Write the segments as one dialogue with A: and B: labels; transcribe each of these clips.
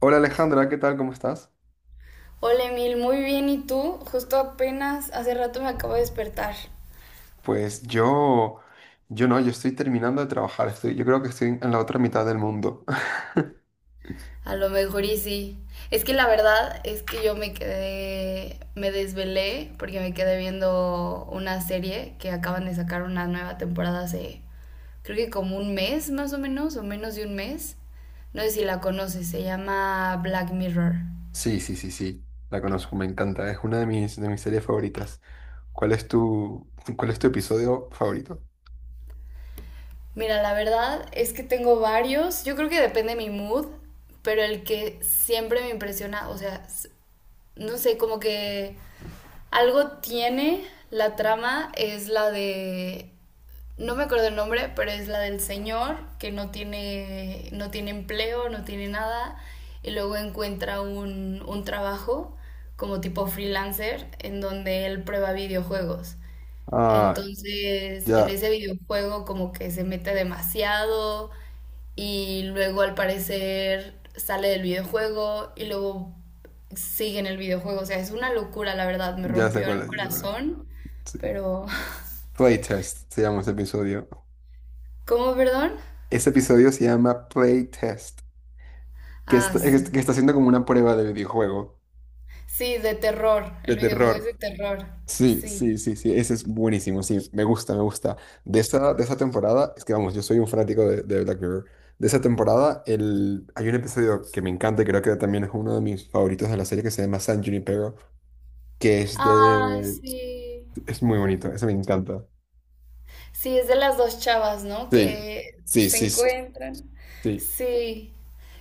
A: Hola Alejandra, ¿qué tal? ¿Cómo estás?
B: Hola Emil, muy bien, ¿y tú? Justo apenas hace rato me acabo de despertar.
A: Pues yo no, yo estoy terminando de trabajar, estoy, yo creo que estoy en la otra mitad del mundo.
B: A lo mejor y sí. Es que la verdad es que me desvelé porque me quedé viendo una serie que acaban de sacar una nueva temporada hace, creo que como un mes más o menos de un mes. No sé si la conoces, se llama Black Mirror.
A: Sí, sí, sí, sí, la conozco, me encanta, es una de mis series favoritas. ¿Cuál es tu, ¿Cuál es tu episodio favorito?
B: Mira, la verdad es que tengo varios, yo creo que depende de mi mood, pero el que siempre me impresiona, o sea, no sé, como que algo tiene la trama, es la de, no me acuerdo el nombre, pero es la del señor que no tiene empleo, no tiene nada, y luego encuentra un trabajo como tipo freelancer en donde él prueba videojuegos.
A: Ah,
B: Entonces, en
A: ya,
B: ese videojuego como que se mete demasiado y luego al parecer sale del videojuego y luego sigue en el videojuego. O sea, es una locura, la verdad, me
A: ya sé
B: rompió
A: cuál
B: el
A: es, ya sé cuál es.
B: corazón,
A: Sí.
B: pero...
A: Playtest se llama ese episodio.
B: ¿Cómo, perdón?
A: Ese episodio se llama Playtest, que
B: Ah,
A: está,
B: sí.
A: que está haciendo como una prueba de videojuego.
B: Sí, de terror.
A: De
B: El videojuego es de
A: terror.
B: terror.
A: Sí,
B: Sí.
A: sí, sí, sí, ese es buenísimo, sí, me gusta, me gusta. De esa temporada, es que vamos, yo soy un fanático de Black Mirror. De esa temporada, el, hay un episodio que me encanta y creo que también es uno de mis favoritos de la serie que se llama San Junipero, que es
B: Ah,
A: de...
B: sí.
A: Es muy bonito, ese me encanta.
B: Sí, es de las dos chavas, ¿no?
A: Sí,
B: Que
A: sí,
B: se
A: sí, sí,
B: encuentran.
A: sí.
B: Sí.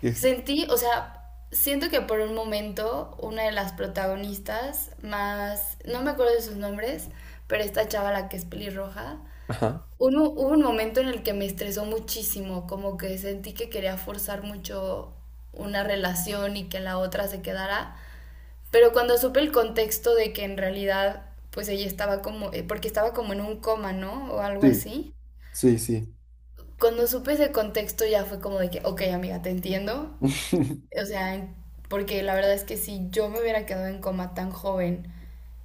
B: Sentí, o sea, siento que por un momento una de las protagonistas, más, no me acuerdo de sus nombres, pero esta chava la que es pelirroja,
A: Ajá.
B: hubo un momento en el que me estresó muchísimo, como que sentí que quería forzar mucho una relación y que la otra se quedara. Pero cuando supe el contexto de que en realidad, pues ella estaba como, porque estaba como en un coma, ¿no? O algo
A: Sí,
B: así.
A: sí, sí.
B: Cuando supe ese contexto ya fue como de que, ok, amiga, te entiendo. O sea, porque la verdad es que si yo me hubiera quedado en coma tan joven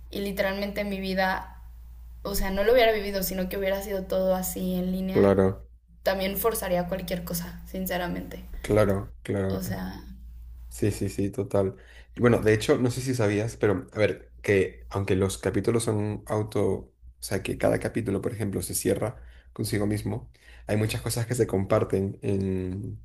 B: y literalmente mi vida, o sea, no lo hubiera vivido, sino que hubiera sido todo así en línea,
A: Claro,
B: también forzaría cualquier cosa, sinceramente.
A: claro, claro.
B: O sea,
A: Sí, sí, sí, total. Y bueno, de hecho, no sé si sabías, pero a ver, que aunque los capítulos son auto, o sea, que cada capítulo, por ejemplo, se cierra consigo mismo, hay muchas cosas que se comparten en,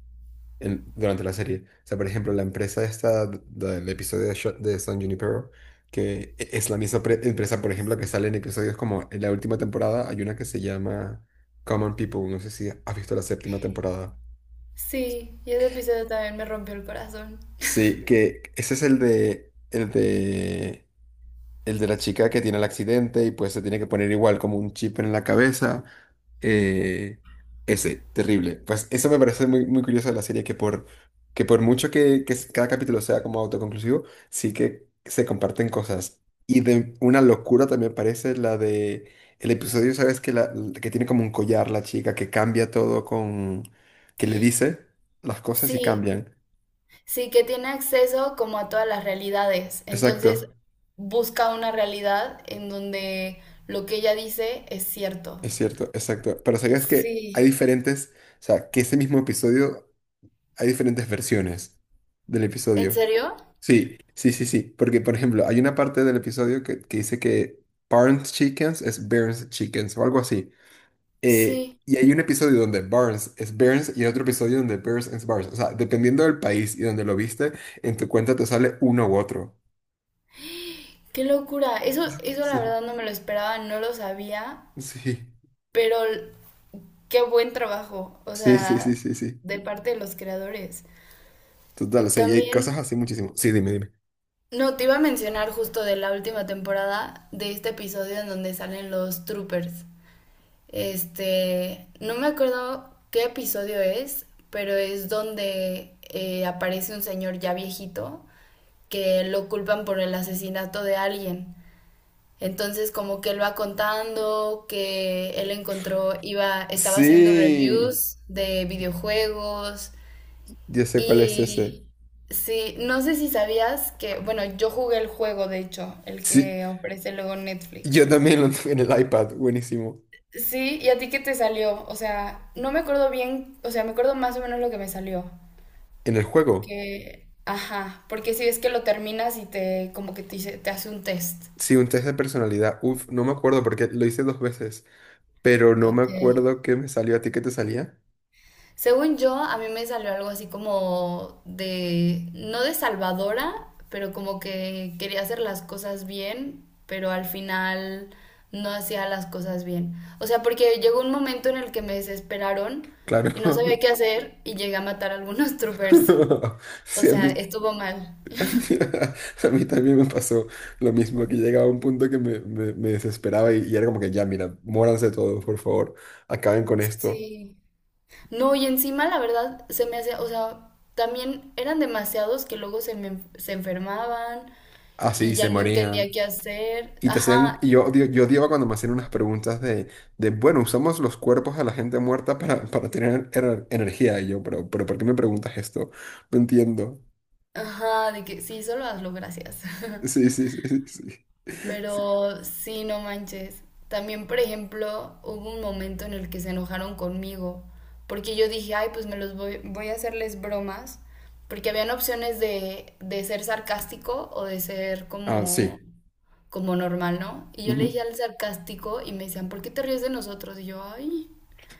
A: en- durante la serie. O sea, por ejemplo, la empresa esta del episodio de, de San Junipero, que es la misma empresa, por ejemplo, que sale en episodios como en la última temporada, hay una que se llama Common People, no sé si has visto la séptima temporada.
B: sí, y ese episodio también me rompió el corazón.
A: Sí, que ese es el de, el de, el de la chica que tiene el accidente y pues se tiene que poner igual como un chip en la cabeza. Eh, Ese, terrible. Pues eso me parece muy, muy curioso de la serie, que por mucho que cada capítulo sea como autoconclusivo, sí que se comparten cosas. Y de una locura también parece la de el episodio, ¿sabes? Que, la, que tiene como un collar la chica, que cambia todo con... que le dice las cosas y
B: Sí,
A: cambian.
B: sí, que tiene acceso como a todas las realidades. Entonces,
A: Exacto.
B: busca una realidad en donde lo que ella dice es cierto.
A: Es cierto, exacto. Pero sabías que hay
B: Sí.
A: diferentes, o sea, que ese mismo episodio hay diferentes versiones del
B: ¿En
A: episodio.
B: serio?
A: Sí, sí, sí, sí. Porque, por ejemplo, hay una parte del episodio que dice que Barnes Chickens es Burns Chickens o algo así.
B: Sí.
A: Y hay un episodio donde Barnes es Burns y hay otro episodio donde Burns es Barnes. O sea, dependiendo del país y donde lo viste, en tu cuenta te sale uno u otro.
B: Qué locura. Eso la verdad no me lo esperaba, no lo sabía, pero qué buen trabajo, o
A: Sí, sí, sí, sí,
B: sea,
A: sí, sí, sí.
B: de parte de los creadores.
A: Total, o sea, y hay cosas
B: También,
A: así muchísimo. Sí, dime, dime.
B: no, te iba a mencionar justo de la última temporada, de este episodio en donde salen los troopers. Este, no me acuerdo qué episodio es, pero es donde aparece un señor ya viejito que lo culpan por el asesinato de alguien. Entonces, como que él va contando que él encontró, iba, estaba haciendo
A: Sí.
B: reviews de videojuegos
A: Yo sé cuál es ese.
B: y sí, no sé si sabías que, bueno, yo jugué el juego, de hecho, el
A: Sí,
B: que ofrece luego
A: yo
B: Netflix.
A: también lo tuve en el iPad, buenísimo.
B: Sí, ¿y a ti qué te salió? O sea, no me acuerdo bien, o sea, me acuerdo más o menos lo que me salió.
A: En el juego,
B: Que, ajá, porque si es que lo terminas y te, como que te, te hace un test.
A: sí, un test de personalidad. Uf, no me acuerdo porque lo hice dos veces, pero no me
B: Ok.
A: acuerdo qué me salió a ti, qué te salía.
B: Según yo, a mí me salió algo así como de, no de salvadora, pero como que quería hacer las cosas bien, pero al final no hacía las cosas bien. O sea, porque llegó un momento en el que me desesperaron y no sabía
A: Claro.
B: qué hacer y llegué a matar a algunos troopers. O
A: Sí, a
B: sea,
A: mí,
B: estuvo mal.
A: a mí, también me pasó lo mismo, que llegaba a un punto que me desesperaba y era como que ya, mira, muéranse todos, por favor, acaben con esto.
B: Sí. No, y encima la verdad se me hacía, o sea, también eran demasiados que luego se enfermaban y
A: Así
B: ya
A: se
B: no entendía
A: morían.
B: qué hacer.
A: Y te hacían,
B: Ajá,
A: y yo, yo odiaba cuando me hacían unas preguntas de, bueno, usamos los cuerpos de la gente muerta para tener energía. Y yo, pero ¿por qué me preguntas esto? No entiendo.
B: ajá, de que sí, solo hazlo, gracias.
A: Sí, sí, sí, sí, sí. Sí.
B: Pero sí, no manches. También, por ejemplo, hubo un momento en el que se enojaron conmigo, porque yo dije, ay, voy a hacerles bromas, porque habían opciones de ser sarcástico o de ser
A: Ah, sí.
B: como, como normal, ¿no? Y yo le
A: Ujú.
B: dije al sarcástico y me decían, ¿por qué te ríes de nosotros? Y yo, ay,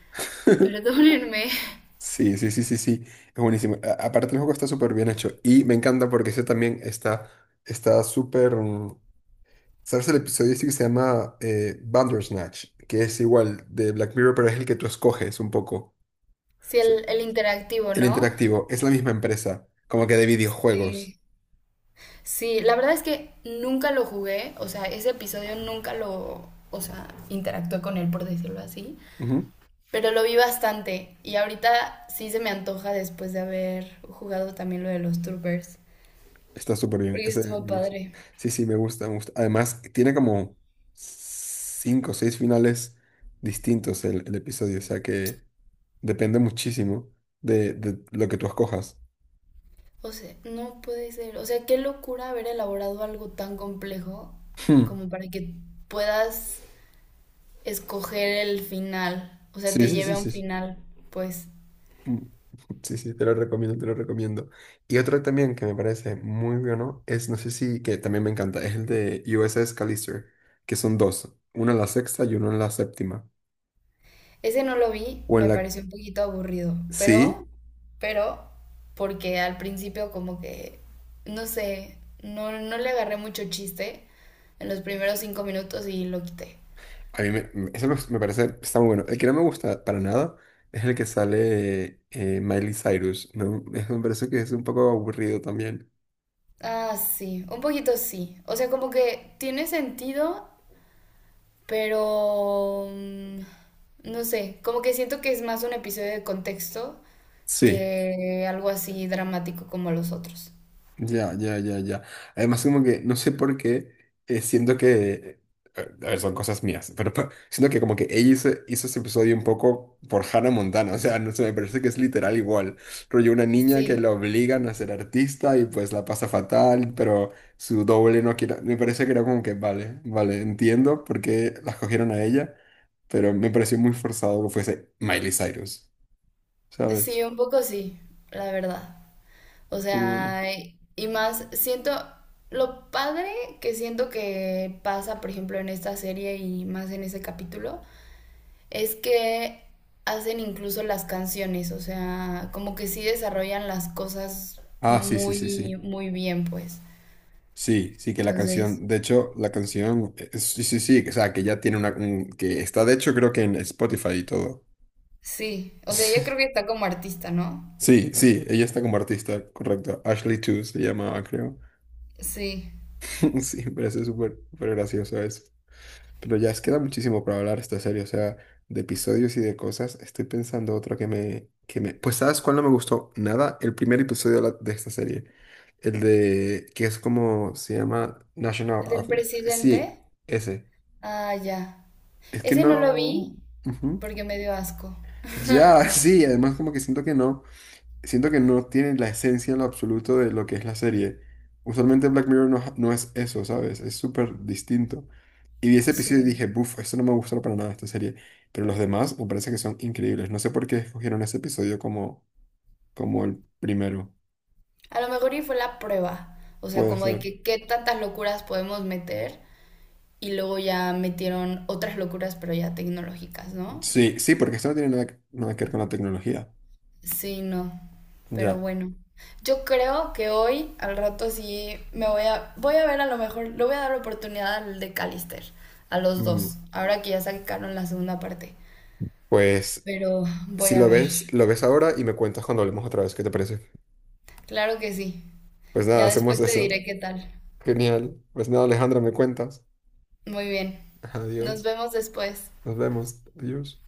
B: perdónenme.
A: Sí, sí, sí, sí, sí. Es buenísimo. Aparte, el juego está súper bien hecho. Y me encanta porque ese también está, está súper. ¿Sabes el episodio ese que se llama Bandersnatch? Que es igual de Black Mirror, pero es el que tú escoges un poco.
B: Sí, el interactivo,
A: El
B: ¿no?
A: interactivo es la misma empresa, como que de videojuegos.
B: Sí. Sí, la verdad es que nunca lo jugué, o sea, ese episodio nunca lo, o sea, interactué con él, por decirlo así,
A: Ujú.
B: pero lo vi bastante y ahorita sí se me antoja después de haber jugado también lo de los troopers,
A: Está súper bien.
B: porque
A: Ese
B: estuvo
A: me gusta.
B: padre.
A: Sí, sí, me gusta, me gusta. Además, tiene como cinco o seis finales distintos el episodio, o sea que depende muchísimo de lo que tú escojas.
B: O sea, no puede ser, o sea, qué locura haber elaborado algo tan complejo
A: Hmm.
B: como para que puedas escoger el final, o sea,
A: Sí,
B: te
A: sí,
B: lleve
A: sí,
B: a un
A: sí, sí.
B: final, pues.
A: Mm. Sí, sí, te lo recomiendo, te lo recomiendo. Y otro también que me parece muy bueno es, no sé si, que también me encanta, es el de USS Callister, que son dos, uno en la sexta y uno en la séptima.
B: Ese no lo vi,
A: O en
B: me
A: la...
B: pareció un poquito aburrido,
A: Sí,
B: pero, porque al principio como que, no sé, no le agarré mucho chiste en los primeros 5 minutos y lo quité.
A: a mí me, eso me, me parece, está muy bueno. El que no me gusta para nada es el que sale Miley Cyrus, ¿no? Eso me parece que es un poco aburrido también.
B: Ah, sí, un poquito sí. O sea, como que tiene sentido, pero, mm, no sé, como que siento que es más un episodio de contexto
A: Sí.
B: que algo así dramático como los otros.
A: Ya, ya, ya, ya. Además, como que no sé por qué siento que. A ver, son cosas mías, pero siento que como que ella hizo, hizo ese episodio un poco por Hannah Montana, o sea, no sé, me parece que es literal igual. Rollo una niña que
B: Sí.
A: la obligan a ser artista y pues la pasa fatal, pero su doble no quiere. Me parece que era como que, vale, vale, entiendo por qué la escogieron a ella, pero me pareció muy forzado que fuese Miley Cyrus, ¿sabes?
B: Sí, un poco sí, la verdad. O
A: Pero bueno.
B: sea, y más siento lo padre que siento que pasa, por ejemplo, en esta serie y más en ese capítulo, es que hacen incluso las canciones, o sea, como que sí desarrollan las cosas
A: Ah, sí, sí, sí,
B: muy,
A: sí.
B: muy bien, pues.
A: Sí, sí, que la
B: Entonces,
A: canción, de hecho, la canción, sí, sí, sí, o sea, que ya tiene una, que está de hecho creo que en Spotify y todo.
B: sí, o sea, yo creo que está como artista, ¿no?
A: Sí, sí, ella está como artista, correcto. Ashley Two se llamaba, creo.
B: Sí.
A: Sí, me parece súper, súper gracioso eso. Pero ya es queda muchísimo para hablar esta serie, o sea, de episodios y de cosas. Estoy pensando otra que me... Pues ¿sabes cuál no me gustó? Nada, el primer episodio de, de esta serie. El de, que es como, se llama National
B: ¿El del
A: Anthem.
B: presidente?
A: Sí, ese.
B: Ah, ya.
A: Es que
B: Ese no lo vi
A: no. Ujú.
B: porque me dio asco.
A: Ya, sí, además como que siento que no. Siento que no tiene la esencia en lo absoluto de lo que es la serie. Usualmente Black Mirror no, no es eso, ¿sabes? Es súper distinto. Y vi ese episodio y
B: Sí.
A: dije, buf, esto no me gustó para nada, esta serie. Pero los demás me parece que son increíbles. No sé por qué escogieron ese episodio como, como el primero.
B: A lo mejor y fue la prueba. O sea,
A: Puede
B: como de
A: ser.
B: que qué tantas locuras podemos meter y luego ya metieron otras locuras, pero ya tecnológicas, ¿no?
A: Sí, sí, porque esto no tiene nada, nada que ver con la tecnología.
B: Sí, no. Pero
A: Ya.
B: bueno. Yo creo que hoy, al rato, sí me voy a. Voy a ver a lo mejor. Le voy a dar oportunidad al de Callister. A los
A: Mm,
B: dos. Ahora que ya sacaron la segunda parte.
A: pues
B: Pero voy
A: si
B: a
A: lo
B: ver.
A: ves, lo ves ahora y me cuentas cuando hablemos otra vez. ¿Qué te parece?
B: Claro que sí.
A: Pues nada,
B: Ya
A: hacemos
B: después te
A: eso.
B: diré qué tal.
A: Genial. Pues nada, Alejandra, me cuentas.
B: Muy bien. Nos
A: Adiós.
B: vemos después.
A: Nos vemos. Adiós.